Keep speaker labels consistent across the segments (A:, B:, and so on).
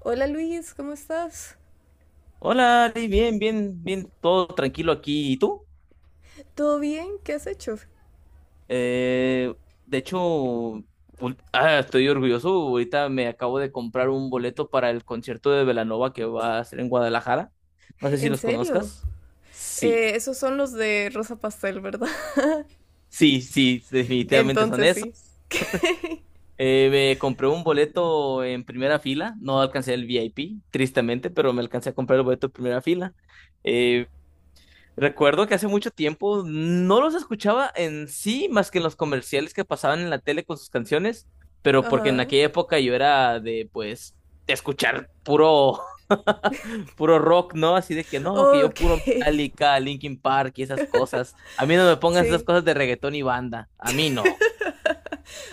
A: Hola Luis, ¿cómo estás?
B: Hola, Ari, bien, bien, bien, todo tranquilo aquí. ¿Y tú?
A: ¿Todo bien? ¿Qué has hecho?
B: Eh, de hecho, estoy orgulloso. Ahorita me acabo de comprar un boleto para el concierto de Belanova que va a ser en Guadalajara. No sé si
A: ¿En
B: los
A: serio?
B: conozcas. Sí,
A: Esos son los de Rosa Pastel, ¿verdad?
B: sí, sí, definitivamente son
A: Entonces
B: esos.
A: sí.
B: Me compré un boleto en primera fila. No alcancé el VIP, tristemente, pero me alcancé a comprar el boleto en primera fila. Eh, Recuerdo que hace mucho tiempo no los escuchaba en sí más que en los comerciales que pasaban en la tele con sus canciones, pero porque en
A: Ajá.
B: aquella época yo era de pues escuchar puro puro rock, ¿no? Así de que no, que yo
A: Ok,
B: puro Metallica, Linkin Park y esas cosas. A mí no me pongas esas
A: sí.
B: cosas de reggaetón y banda. A mí no.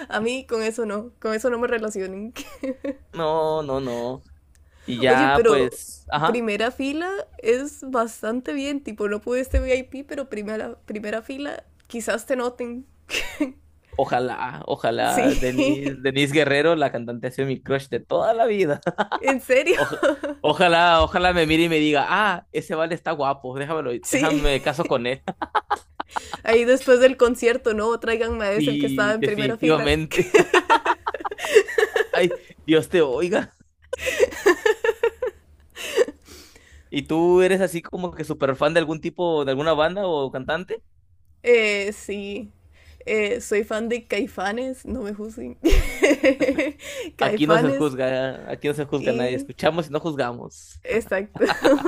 A: A mí con eso no me relacionen.
B: No, no, no. Y
A: Oye,
B: ya
A: pero
B: pues, ajá.
A: primera fila es bastante bien, tipo, no pude este VIP, pero primera fila quizás te noten.
B: Ojalá, ojalá Denise,
A: Sí.
B: Denise Guerrero, la cantante ha sido mi crush de toda la vida.
A: ¿En serio?
B: Oja- Ojalá, ojalá me mire y me diga, ah, ese vale está guapo, déjamelo,
A: Sí.
B: déjame caso con él.
A: Ahí después del concierto, ¿no? Tráiganme a ese el que estaba
B: Y
A: en primera fila.
B: definitivamente. Ay, Dios te oiga. ¿Y tú eres así como que súper fan de algún tipo, de alguna banda o cantante?
A: Sí. Soy fan de Caifanes, no me juzguen.
B: Aquí no se
A: Caifanes
B: juzga, aquí no se juzga a nadie,
A: y...
B: escuchamos y no juzgamos.
A: Exacto.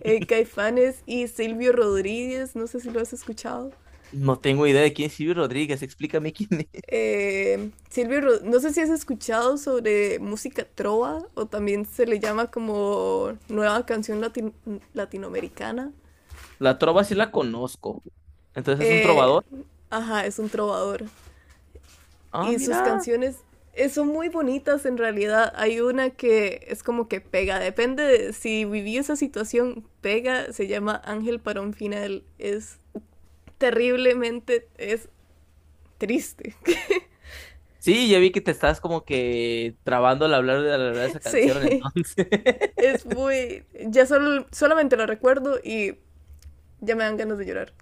A: Caifanes y Silvio Rodríguez, no sé si lo has escuchado.
B: No tengo idea de quién es Silvio Rodríguez, explícame quién es.
A: Silvio, no sé si has escuchado sobre música trova o también se le llama como nueva canción latinoamericana.
B: La trova sí la conozco. Entonces es un
A: Eh,
B: trovador.
A: ajá, es un trovador.
B: Ah,
A: Y sus
B: mira.
A: canciones son muy bonitas en realidad. Hay una que es como que pega, depende de si viví esa situación, pega, se llama Ángel para un final. Es terriblemente, es triste.
B: Sí, ya vi que te estás como que trabando al hablar de esa canción,
A: Sí,
B: entonces.
A: es muy... Ya solo, solamente lo recuerdo y ya me dan ganas de llorar.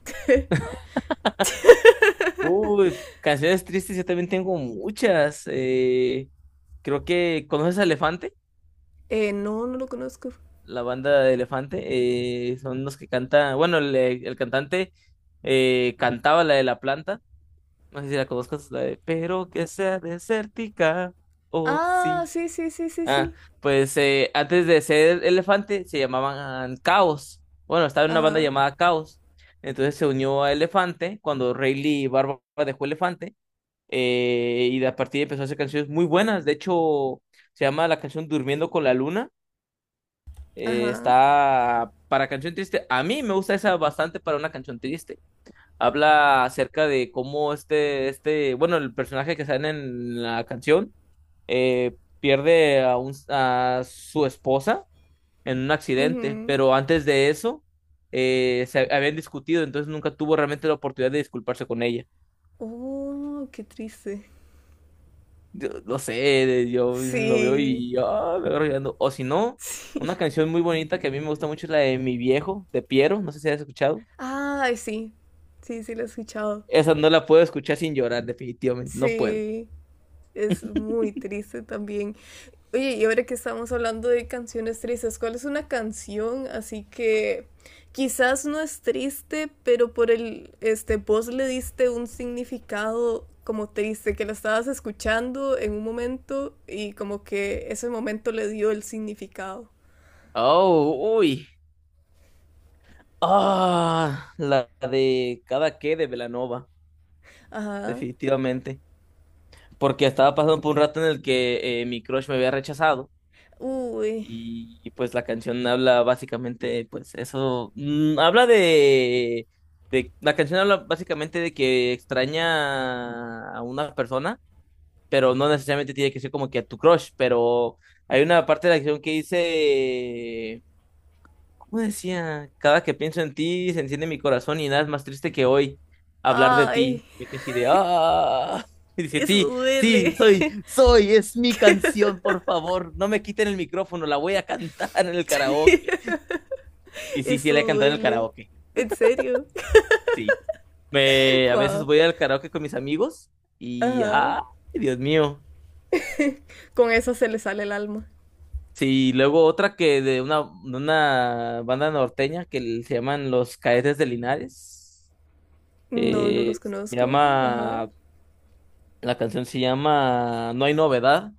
B: Uy, canciones tristes, yo también tengo muchas. Creo que conoces a Elefante,
A: No, no lo conozco.
B: la banda de Elefante. Son los que cantan, bueno, el cantante cantaba la de La Planta. No sé si la conozcas, la de Pero que sea desértica, oh
A: Ah,
B: sí.
A: sí, sí, sí, sí,
B: Ah,
A: sí.
B: pues antes de ser Elefante se llamaban Caos. Bueno, estaba en una banda
A: Ajá,
B: llamada Caos. Entonces se unió a Elefante cuando Rayleigh Barba dejó Elefante. Y de a partir de empezó a hacer canciones muy buenas. De hecho, se llama la canción Durmiendo con la Luna.
A: ajá.
B: Está para canción triste. A mí me gusta esa bastante para una canción triste. Habla acerca de cómo este, este, bueno, el personaje que sale en la canción pierde a su esposa en un accidente,
A: Ujú.
B: pero antes de eso se habían discutido, entonces nunca tuvo realmente la oportunidad de disculparse con ella.
A: Oh, qué triste.
B: Yo, no sé, yo lo veo
A: Sí,
B: y yo ah, me agarro llorando. O si no,
A: sí.
B: una canción muy bonita que a mí me gusta mucho es la de Mi Viejo, de Piero, no sé si has escuchado.
A: Ay, sí, sí, sí, lo he escuchado.
B: Esa no la puedo escuchar sin llorar, definitivamente, no puedo.
A: Sí, es muy triste también. Oye, y ahora que estamos hablando de canciones tristes, ¿cuál es una canción así que quizás no es triste, pero por el, este, vos le diste un significado como triste, que la estabas escuchando en un momento y como que ese momento le dio el significado?
B: Oh, uy. Ah, la de Cada que de Belanova,
A: Ajá.
B: definitivamente. Porque estaba pasando por un rato en el que mi crush me había rechazado.
A: Uy.
B: Pues la canción habla básicamente, pues eso, la canción habla básicamente de que extraña a una persona, pero no necesariamente tiene que ser como que a tu crush, pero hay una parte de la canción que dice, cómo decía, cada que pienso en ti se enciende mi corazón y nada es más triste que hoy hablar de
A: Ay,
B: ti. Me quedé así de ¡ah! Y dije,
A: eso
B: sí, sí,
A: duele,
B: es mi canción, por favor, no me quiten el micrófono, la voy a cantar en el karaoke. Y sí, sí,
A: eso
B: la he cantado en el
A: duele.
B: karaoke,
A: ¿En serio?
B: sí. Me, a veces
A: Wow.
B: voy al karaoke con mis amigos y
A: Ajá.
B: ¡ah! Dios mío.
A: Con eso se le sale el alma.
B: Sí, luego otra que de una banda norteña que se llaman Los Cadetes de Linares.
A: No, no los
B: Eh, Se
A: conozco. Ajá.
B: llama, la canción se llama No hay novedad.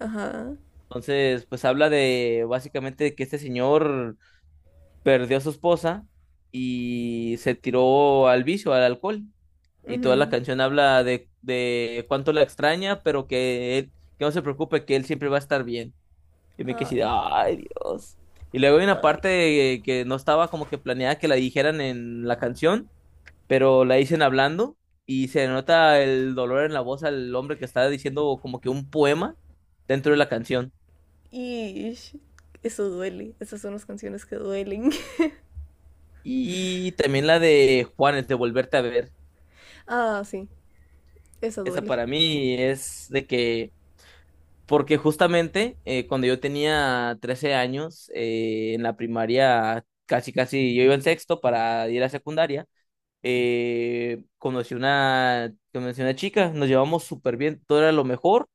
A: Ajá.
B: Entonces, pues habla de básicamente que este señor perdió a su esposa y se tiró al vicio, al alcohol. Y toda la
A: Ujú.
B: canción habla de cuánto la extraña, pero que él, que no se preocupe, que él siempre va a estar bien. Y me quedé así, de,
A: Ay,
B: ay, Dios. Y luego hay una
A: ay.
B: parte que no estaba como que planeada que la dijeran en la canción, pero la dicen hablando y se nota el dolor en la voz al hombre que está diciendo como que un poema dentro de la canción.
A: Ish. Eso duele. Esas son las canciones que duelen.
B: Y también la de Juanes, de Volverte a Ver.
A: Ah, sí. Eso
B: Esa
A: duele.
B: para mí es de que, porque justamente cuando yo tenía 13 años, en la primaria, casi casi yo iba en sexto para ir a secundaria, conocí una chica, nos llevamos súper bien, todo era lo mejor.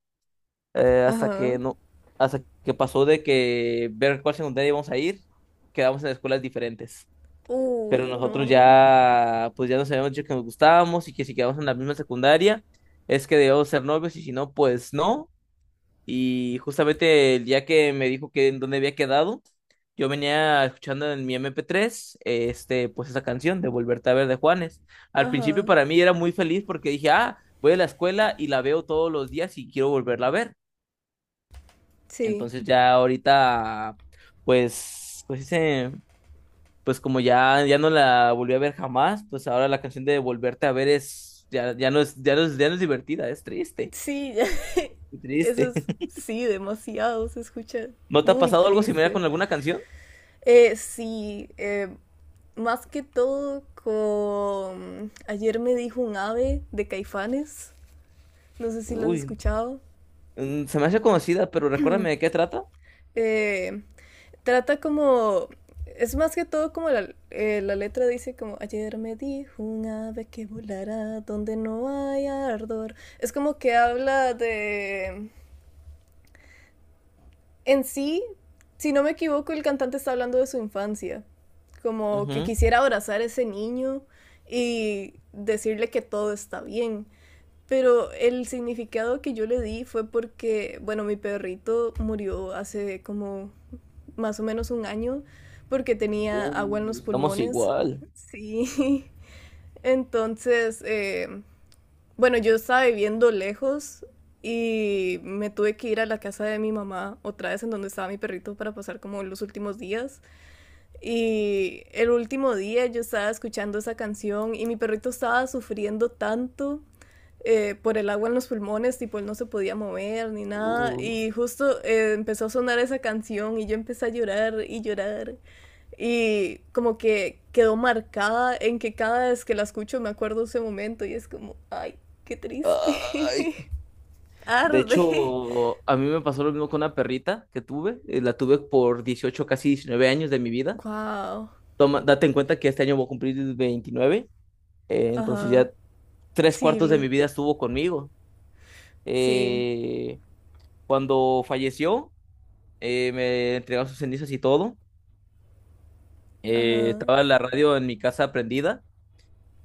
B: Hasta
A: Ajá.
B: que no, hasta que Pasó de que ver cuál secundaria íbamos a ir, quedamos en escuelas diferentes. Pero
A: Uy,
B: nosotros
A: no.
B: ya, pues ya nos habíamos dicho que nos gustábamos y que si quedamos en la misma secundaria, es que debíamos ser novios y si no, pues no. Y justamente el día que me dijo que en dónde había quedado, yo venía escuchando en mi MP3, pues esa canción de Volverte a Ver de Juanes. Al principio
A: Ajá.
B: para mí era muy feliz porque dije, ah, voy a la escuela y la veo todos los días y quiero volverla a ver.
A: Sí.
B: Entonces ya ahorita, pues, pues dice, pues como ya, ya no la volví a ver jamás, pues ahora la canción de Volverte a Ver es, ya, ya no es, ya no es, ya no es divertida, es triste,
A: Sí, ya. Eso
B: triste.
A: es. Sí, demasiado. Se escucha
B: ¿No te ha
A: muy
B: pasado algo similar
A: triste.
B: con alguna canción?
A: Sí. Más que todo con... Ayer me dijo un ave de Caifanes, no sé si lo has
B: Uy,
A: escuchado.
B: se me hace conocida, pero recuérdame de qué trata.
A: Eh, Trata como... Es más que todo como la, la letra dice como ayer me dijo un ave que volará donde no haya ardor. Es como que habla de... En sí, si no me equivoco, el cantante está hablando de su infancia. Como que
B: Ujú.
A: quisiera abrazar a ese niño y decirle que todo está bien. Pero el significado que yo le di fue porque, bueno, mi perrito murió hace como más o menos un año porque tenía agua en los
B: Estamos
A: pulmones.
B: igual.
A: Sí. Entonces, bueno, yo estaba viviendo lejos y me tuve que ir a la casa de mi mamá otra vez en donde estaba mi perrito para pasar como los últimos días. Y el último día yo estaba escuchando esa canción y mi perrito estaba sufriendo tanto por el agua en los pulmones, tipo él no se podía mover ni nada.
B: Uh,
A: Y justo empezó a sonar esa canción y yo empecé a llorar y llorar. Y como que quedó marcada en que cada vez que la escucho me acuerdo ese momento y es como, ay, qué triste.
B: Ay. De
A: Arde.
B: hecho, a mí me pasó lo mismo con una perrita que tuve. La tuve por 18 casi 19 años de mi vida.
A: Wow.
B: Toma, date en cuenta que este año voy a cumplir 29, entonces
A: Ajá.
B: ya tres
A: Sí,
B: cuartos de
A: lo-
B: mi vida estuvo conmigo.
A: sí.
B: Eh, Cuando falleció, me entregaron sus cenizas y todo.
A: Ajá.
B: Estaba la radio en mi casa prendida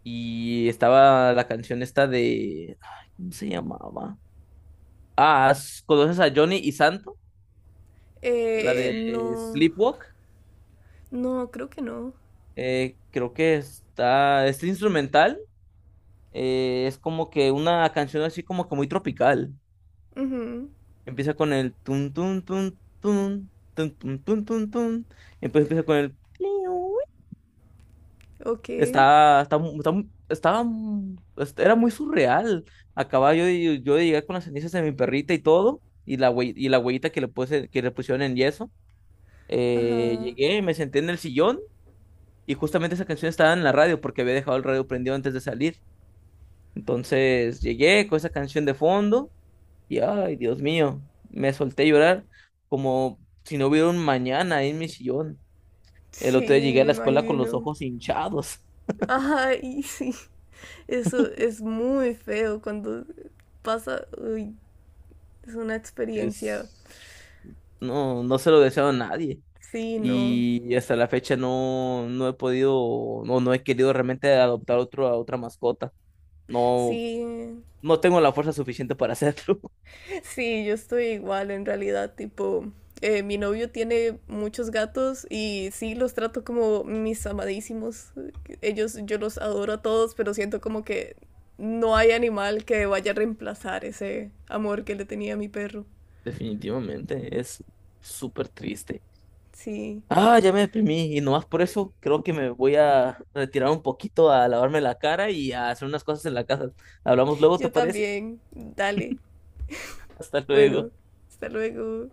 B: y estaba la canción esta de, ay, ¿cómo se llamaba? Ah, ¿conoces a Johnny y Santo? La de
A: No.
B: Sleepwalk.
A: No, creo que no.
B: Creo que está. Este instrumental es como que una canción así como que muy tropical.
A: Ujú,
B: Empieza con el tun tun tun tun tun tun tun tun tun. Y después empieza con el pliu.
A: ok.
B: Está, está, mu- estaba mu- est- Era muy surreal. Acababa yo, de llegar con las cenizas de mi perrita y todo, y la huellita que le puse, que le pusieron en yeso.
A: Ajá.
B: Llegué, me senté en el sillón y justamente esa canción estaba en la radio porque había dejado el radio prendido antes de salir. Entonces llegué con esa canción de fondo y ay, Dios mío, me solté a llorar como si no hubiera un mañana ahí en mi sillón. El otro día
A: Sí,
B: llegué a
A: me
B: la escuela con los
A: imagino.
B: ojos hinchados.
A: Ajá, y sí. Eso es muy feo cuando pasa. Uy, es una experiencia.
B: Es... No, no se lo deseo a nadie.
A: Sí, no.
B: Y hasta la fecha no, no he podido, no, no he querido realmente adoptar a otra mascota. No,
A: Sí,
B: no tengo la fuerza suficiente para hacerlo.
A: sí, yo estoy igual en realidad, tipo, mi novio tiene muchos gatos y sí los trato como mis amadísimos. Ellos, yo los adoro a todos, pero siento como que no hay animal que vaya a reemplazar ese amor que le tenía a mi perro.
B: Definitivamente, es súper triste.
A: Sí,
B: Ah, ya me deprimí y nomás por eso creo que me voy a retirar un poquito a lavarme la cara y a hacer unas cosas en la casa. Hablamos luego, ¿te
A: yo
B: parece?
A: también. Dale.
B: Hasta
A: Bueno,
B: luego.
A: hasta luego.